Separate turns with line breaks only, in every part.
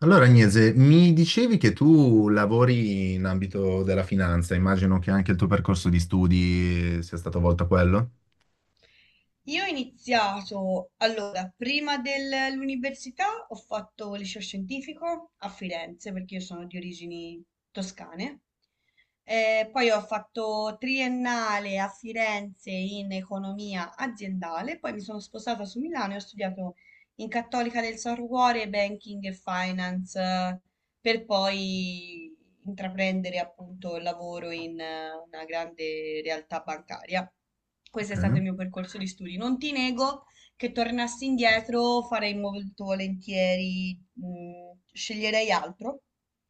Allora, Agnese, mi dicevi che tu lavori in ambito della finanza, immagino che anche il tuo percorso di studi sia stato volto a quello.
Io ho iniziato, allora, prima dell'università ho fatto liceo scientifico a Firenze perché io sono di origini toscane. Poi ho fatto triennale a Firenze in economia aziendale, poi mi sono sposata su Milano e ho studiato in Cattolica del Sacro Cuore Banking e Finance per poi intraprendere appunto il lavoro in una grande realtà bancaria. Questo
Ok,
è stato il mio percorso di studi. Non ti nego che tornassi indietro farei molto volentieri, sceglierei altro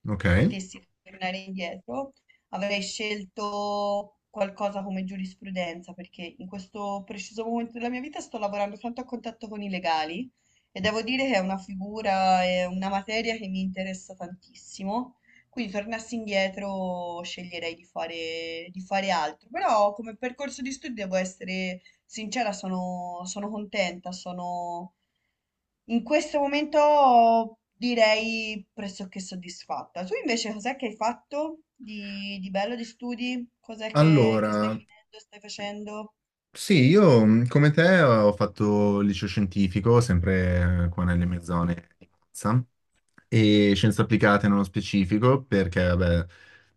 ok.
potessi tornare indietro, avrei scelto qualcosa come giurisprudenza, perché in questo preciso momento della mia vita sto lavorando tanto a contatto con i legali e devo dire che è una figura, è una materia che mi interessa tantissimo. Quindi tornassi indietro sceglierei di fare altro, però come percorso di studio devo essere sincera, sono contenta, sono in questo momento direi pressoché soddisfatta. Tu invece cos'è che hai fatto di bello di studi? Cos'è che stai
Allora,
finendo, stai facendo?
sì, io come te ho fatto il liceo scientifico, sempre qua nelle mie zone di Monza e scienze applicate nello specifico, perché vabbè,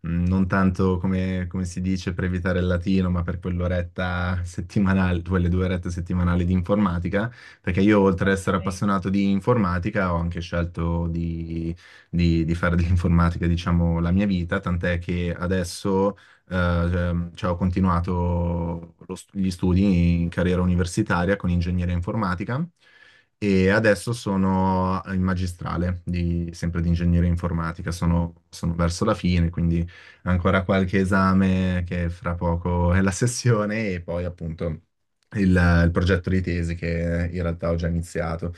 non tanto come, come si dice per evitare il latino, ma per quell'oretta settimanale, quelle due orette settimanali di informatica, perché io oltre ad
Ok.
essere appassionato di informatica ho anche scelto di, di fare dell'informatica, diciamo, la mia vita, tant'è che adesso eh, cioè, ho continuato gli studi in carriera universitaria con ingegneria informatica e adesso sono in magistrale, sempre di ingegneria informatica, sono verso la fine, quindi ancora qualche esame che fra poco è la sessione e poi appunto il, il progetto di tesi che in realtà ho già iniziato.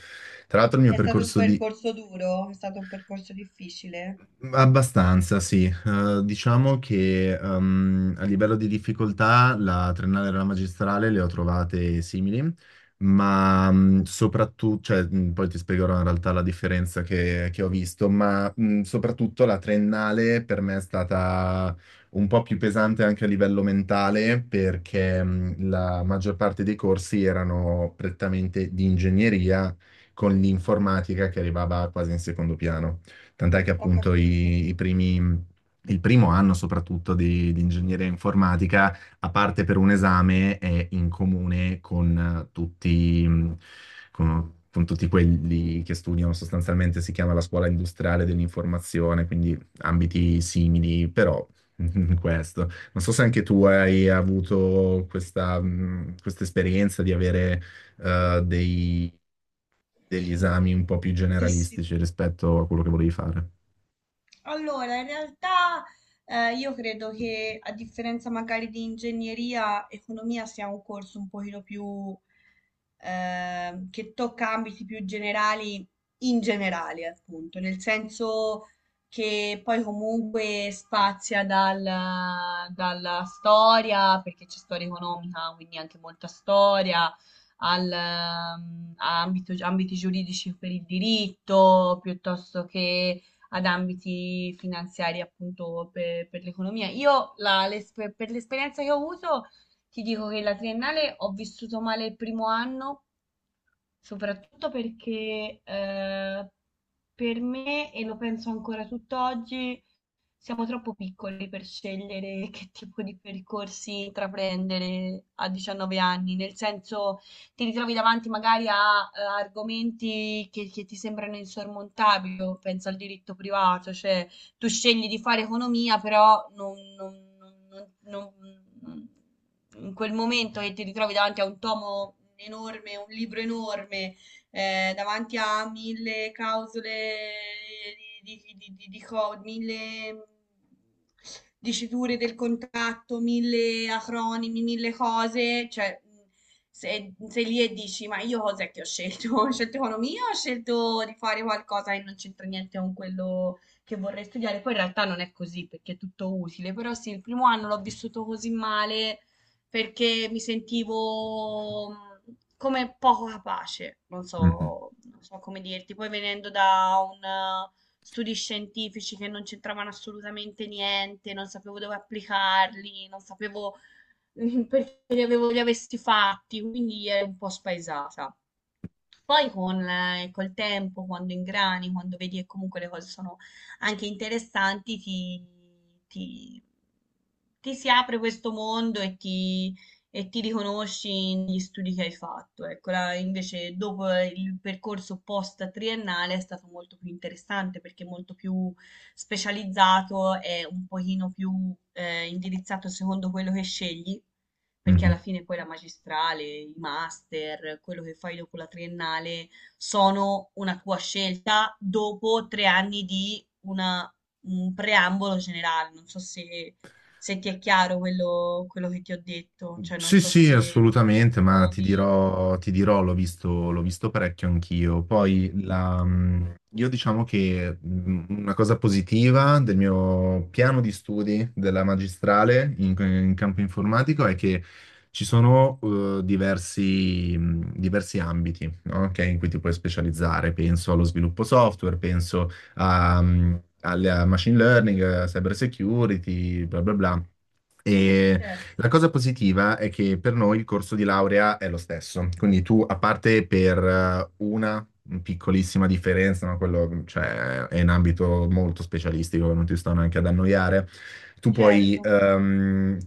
Tra l'altro il mio
È stato un
percorso di
percorso duro? È stato un percorso difficile?
abbastanza, sì. Diciamo che a livello di difficoltà la triennale e la magistrale le ho trovate simili, ma soprattutto, cioè, poi ti spiegherò in realtà la differenza che ho visto, ma soprattutto la triennale per me è stata un po' più pesante anche a livello mentale perché la maggior parte dei corsi erano prettamente di ingegneria con l'informatica che arrivava quasi in secondo piano. Tant'è che
Ho
appunto
capito.
i primi, il primo anno soprattutto di ingegneria informatica, a parte per un esame, è in comune con tutti, con tutti quelli che studiano sostanzialmente, si chiama la scuola industriale dell'informazione, quindi ambiti simili, però questo. Non so se anche tu hai avuto questa, questa esperienza di avere eh, dei- degli esami un po' più
Sì, sì.
generalistici rispetto a quello che volevi fare.
Allora, in realtà io credo che a differenza magari di ingegneria, economia sia un corso un pochino più che tocca ambiti più generali in generale, appunto, nel senso che poi comunque spazia dalla storia, perché c'è storia economica, quindi anche molta storia, al, a ambiti giuridici per il diritto, piuttosto che ad ambiti finanziari appunto per l'economia. Io per l'esperienza che ho avuto ti dico che la triennale ho vissuto male il primo anno, soprattutto perché per me, e lo penso ancora tutt'oggi, siamo troppo piccoli per scegliere che tipo di percorsi intraprendere a 19 anni, nel senso ti ritrovi davanti magari a, argomenti che ti sembrano insormontabili, io penso al diritto privato, cioè tu scegli di fare economia, però non- non- non- in quel momento che ti ritrovi davanti a un tomo enorme, un libro enorme, davanti a mille clausole di mille diciture del contratto, mille acronimi, mille cose, cioè sei lì e dici ma io cos'è che ho scelto? Ho scelto economia o ho scelto di fare qualcosa che non c'entra niente con quello che vorrei studiare? Poi in realtà non è così perché è tutto utile, però sì, il primo anno l'ho vissuto così male perché mi sentivo come poco capace, non
Mhm,
so, non so come dirti. Poi venendo da un studi scientifici che non c'entravano assolutamente niente, non sapevo dove applicarli, non sapevo perché li avevo, li avessi fatti, quindi ero un po' spaesata. Poi con, col tempo, quando ingrani, quando vedi che comunque le cose sono anche interessanti, ti- ti si apre questo mondo e e ti riconosci negli studi che hai fatto. Ecco, invece dopo il percorso post triennale è stato molto più interessante perché è molto più specializzato e un pochino più indirizzato secondo quello che scegli perché alla
mhm.
fine poi la magistrale, i master, quello che fai dopo la triennale sono una tua scelta dopo 3 anni di un preambolo generale. Non so se, se ti è chiaro quello che ti ho detto, cioè non
Sì,
so
sì,
se, se ci
assolutamente, ma
trovi.
ti dirò, l'ho visto parecchio anch'io. Poi la, io diciamo che una cosa positiva del mio piano di studi della magistrale in, in campo informatico è che ci sono diversi, diversi ambiti, no? Ok, in cui ti puoi specializzare. Penso allo sviluppo software, penso a, al machine learning, a cyber security, bla bla bla. E
Certo,
la cosa positiva è che per noi il corso di laurea è lo stesso, quindi tu, a parte per una piccolissima differenza, ma quello, cioè, è in ambito molto specialistico, non ti sto neanche ad annoiare, tu
certo.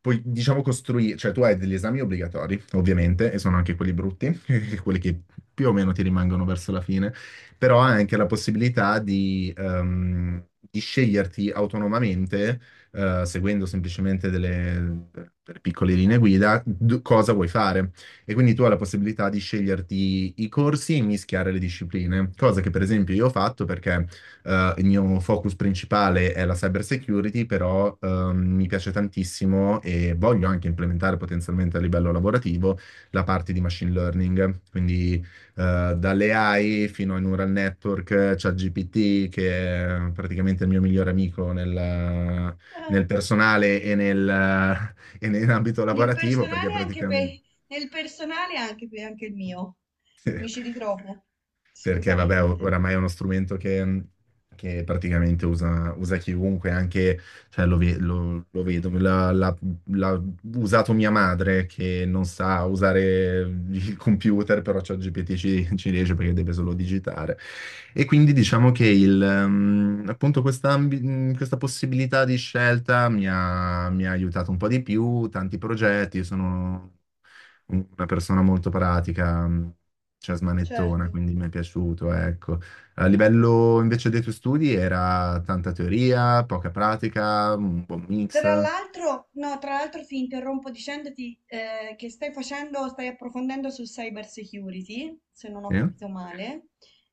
puoi, diciamo, costruire, cioè tu hai degli esami obbligatori, ovviamente, e sono anche quelli brutti, quelli che più o meno ti rimangono verso la fine, però hai anche la possibilità di sceglierti autonomamente seguendo semplicemente delle, delle piccole linee guida, cosa vuoi fare. E quindi tu hai la possibilità di sceglierti i corsi e mischiare le discipline, cosa che per esempio io ho fatto perché il mio focus principale è la cyber security, però mi piace tantissimo e voglio anche implementare potenzialmente a livello lavorativo la parte di machine learning, quindi dalle AI fino ai neural network, ChatGPT, che è praticamente il mio migliore amico
Eh,
nel personale e nell'ambito
Nel
lavorativo, perché
personale anche
praticamente
nel personale anche per anche il mio. Mi ci ritrovo,
perché vabbè,
assolutamente.
oramai è uno strumento che che praticamente usa chiunque, anche cioè, lo vedo, l'ha usato mia madre che non sa usare il computer, però ChatGPT ci riesce perché deve solo digitare. E quindi diciamo che appunto questa, questa possibilità di scelta mi ha aiutato un po' di più, tanti progetti, sono una persona molto pratica, cioè smanettona,
Certo.
quindi mi è piaciuto, ecco. A livello invece dei tuoi studi era tanta teoria, poca pratica, un buon mix.
Tra l'altro, no, tra l'altro ti interrompo dicendoti che stai facendo, stai approfondendo sul cyber security, se non
Sì?
ho capito male,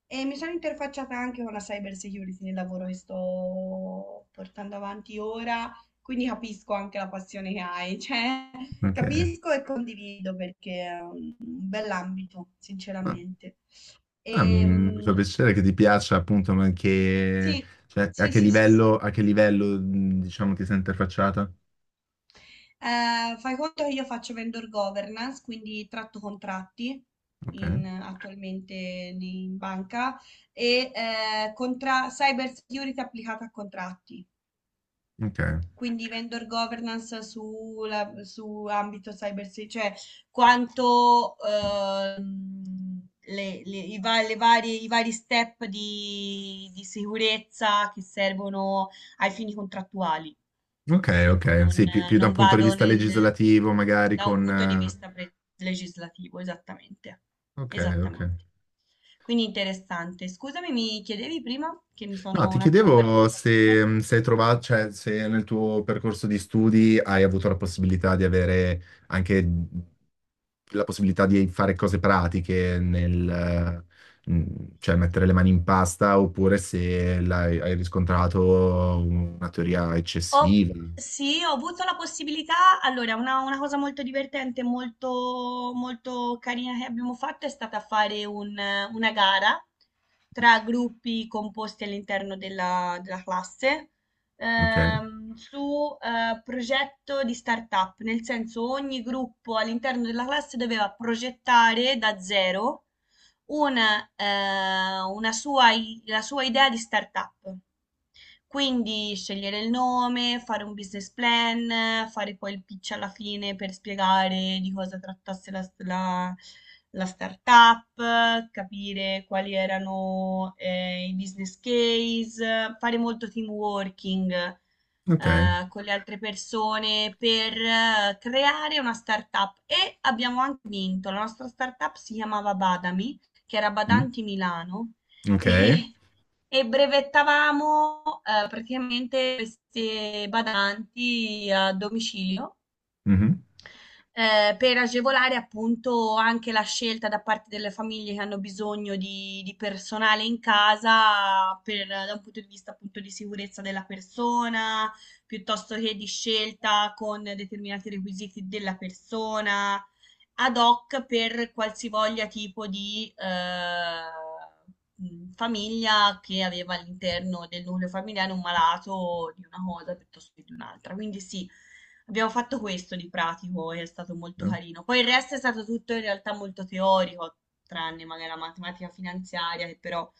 e mi sono interfacciata anche con la cyber security nel lavoro che sto portando avanti ora, quindi capisco anche la passione che hai, cioè
Ok.
capisco e condivido perché è un bell'ambito,
Ma-
sinceramente.
ah, mi
Ehm,
fa piacere che ti piaccia appunto, ma
sì,
cioè,
sì, sì, sì, sì.
a che livello diciamo ti sei interfacciata?
Fai conto che io faccio vendor governance, quindi tratto contratti
Ok,
attualmente in banca e cyber security applicata a contratti.
ok,
Quindi vendor governance su ambito cyber security, cioè quanto i vari step di sicurezza che servono ai fini contrattuali.
ok,
Ecco,
ok. Sì, più, più da un
non
punto di
vado
vista
nel,
legislativo, magari
da un
con
punto di vista legislativo, esattamente.
ok, ok.
Esattamente. Quindi interessante. Scusami, mi chiedevi prima che mi
No,
sono
ti
un attimo perso
chiedevo
sulla server?
se, se hai trovato, cioè se nel tuo percorso di studi hai avuto la possibilità di avere anche la possibilità di fare cose pratiche nel, mh, cioè mettere le mani in pasta, oppure se hai riscontrato una teoria
Ho
eccessiva.
sì, ho avuto la possibilità allora una cosa molto divertente, molto carina che abbiamo fatto è stata fare un una gara tra gruppi composti all'interno della classe,
Ok,
su, progetto di startup, nel senso ogni gruppo all'interno della classe doveva progettare da zero una, la sua idea di startup. Quindi scegliere il nome, fare un business plan, fare poi il pitch alla fine per spiegare di cosa trattasse la startup, capire quali erano i business case, fare molto team working
ok,
con le altre persone per creare una startup e abbiamo anche vinto. La nostra startup si chiamava Badami, che era
Mm,
Badanti Milano.
ok.
E e brevettavamo, praticamente queste badanti a domicilio
Mhm.
per agevolare appunto anche la scelta da parte delle famiglie che hanno bisogno di personale in casa per, da un punto di vista appunto di sicurezza della persona, piuttosto che di scelta con determinati requisiti della persona, ad hoc per qualsivoglia tipo di famiglia che aveva all'interno del nucleo familiare un malato di una cosa piuttosto che di un'altra. Quindi sì, abbiamo fatto questo di pratico e è stato molto carino. Poi il resto è stato tutto in realtà molto teorico, tranne magari la matematica finanziaria, che però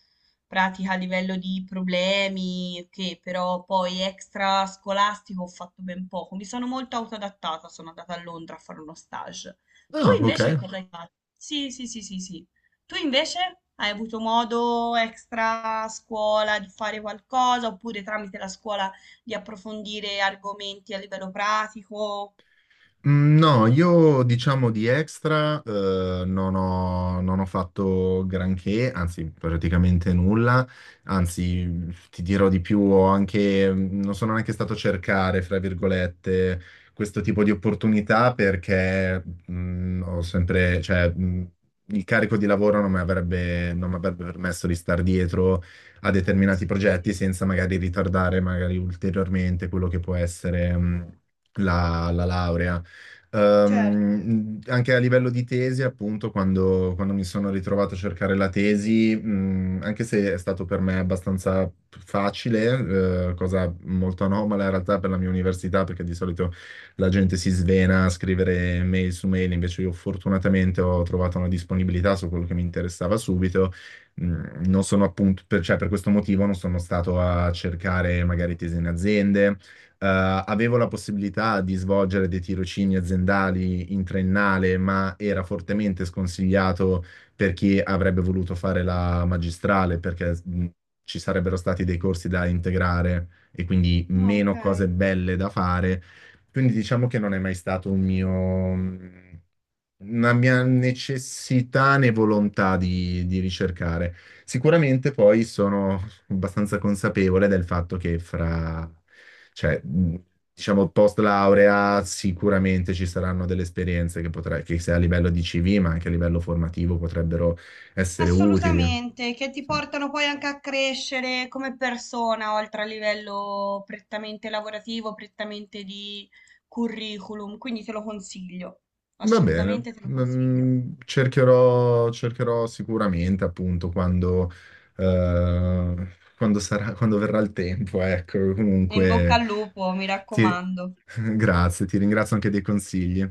pratica a livello di problemi, che però poi extra scolastico ho fatto ben poco. Mi sono molto autoadattata, sono andata a Londra a fare uno stage. Tu
No, ok,
invece cosa hai fatto? Sì, sì, sì, sì, sì. Tu invece hai avuto modo extra scuola di fare qualcosa oppure tramite la scuola di approfondire argomenti a livello pratico,
Mm, no, io diciamo di extra non ho, non ho fatto granché, anzi praticamente nulla, anzi ti dirò di più, ho anche, non sono neanche stato a cercare, fra virgolette, questo tipo di opportunità perché ho sempre, cioè, il carico di lavoro non mi avrebbe, non mi avrebbe permesso di star dietro a
agli
determinati
studi.
progetti senza magari ritardare magari ulteriormente quello che può essere la, la laurea.
Certo.
Anche a livello di tesi, appunto, quando, quando mi sono ritrovato a cercare la tesi, anche se è stato per me abbastanza facile, cosa molto anomala in realtà per la mia università, perché di solito la gente si svena a scrivere mail su mail, invece io fortunatamente ho trovato una disponibilità su quello che mi interessava subito. Mm, non sono appunto, per, cioè per questo motivo non sono stato a cercare magari tesi in aziende, eh, avevo la possibilità di svolgere dei tirocini aziendali in triennale, ma era fortemente sconsigliato per chi avrebbe voluto fare la magistrale, perché ci sarebbero stati dei corsi da integrare e quindi
Ah,
meno
ok.
cose belle da fare. Quindi diciamo che non è mai stato un mio, mh, una mia necessità né volontà di ricercare. Sicuramente poi sono abbastanza consapevole del fatto che fra cioè, mh, diciamo, post laurea sicuramente ci saranno delle esperienze che, potrai, che sia a livello di CV, ma anche a livello formativo potrebbero essere utili.
Assolutamente, che ti
Sì.
portano poi anche a crescere come persona, oltre a livello prettamente lavorativo, prettamente di curriculum, quindi te lo consiglio,
Va bene,
assolutamente te lo consiglio.
Mm, cercherò, cercherò sicuramente appunto quando, quando sarà, quando verrà il tempo, ecco,
In bocca
comunque
al lupo, mi
ti-
raccomando.
grazie, ti ringrazio anche dei consigli.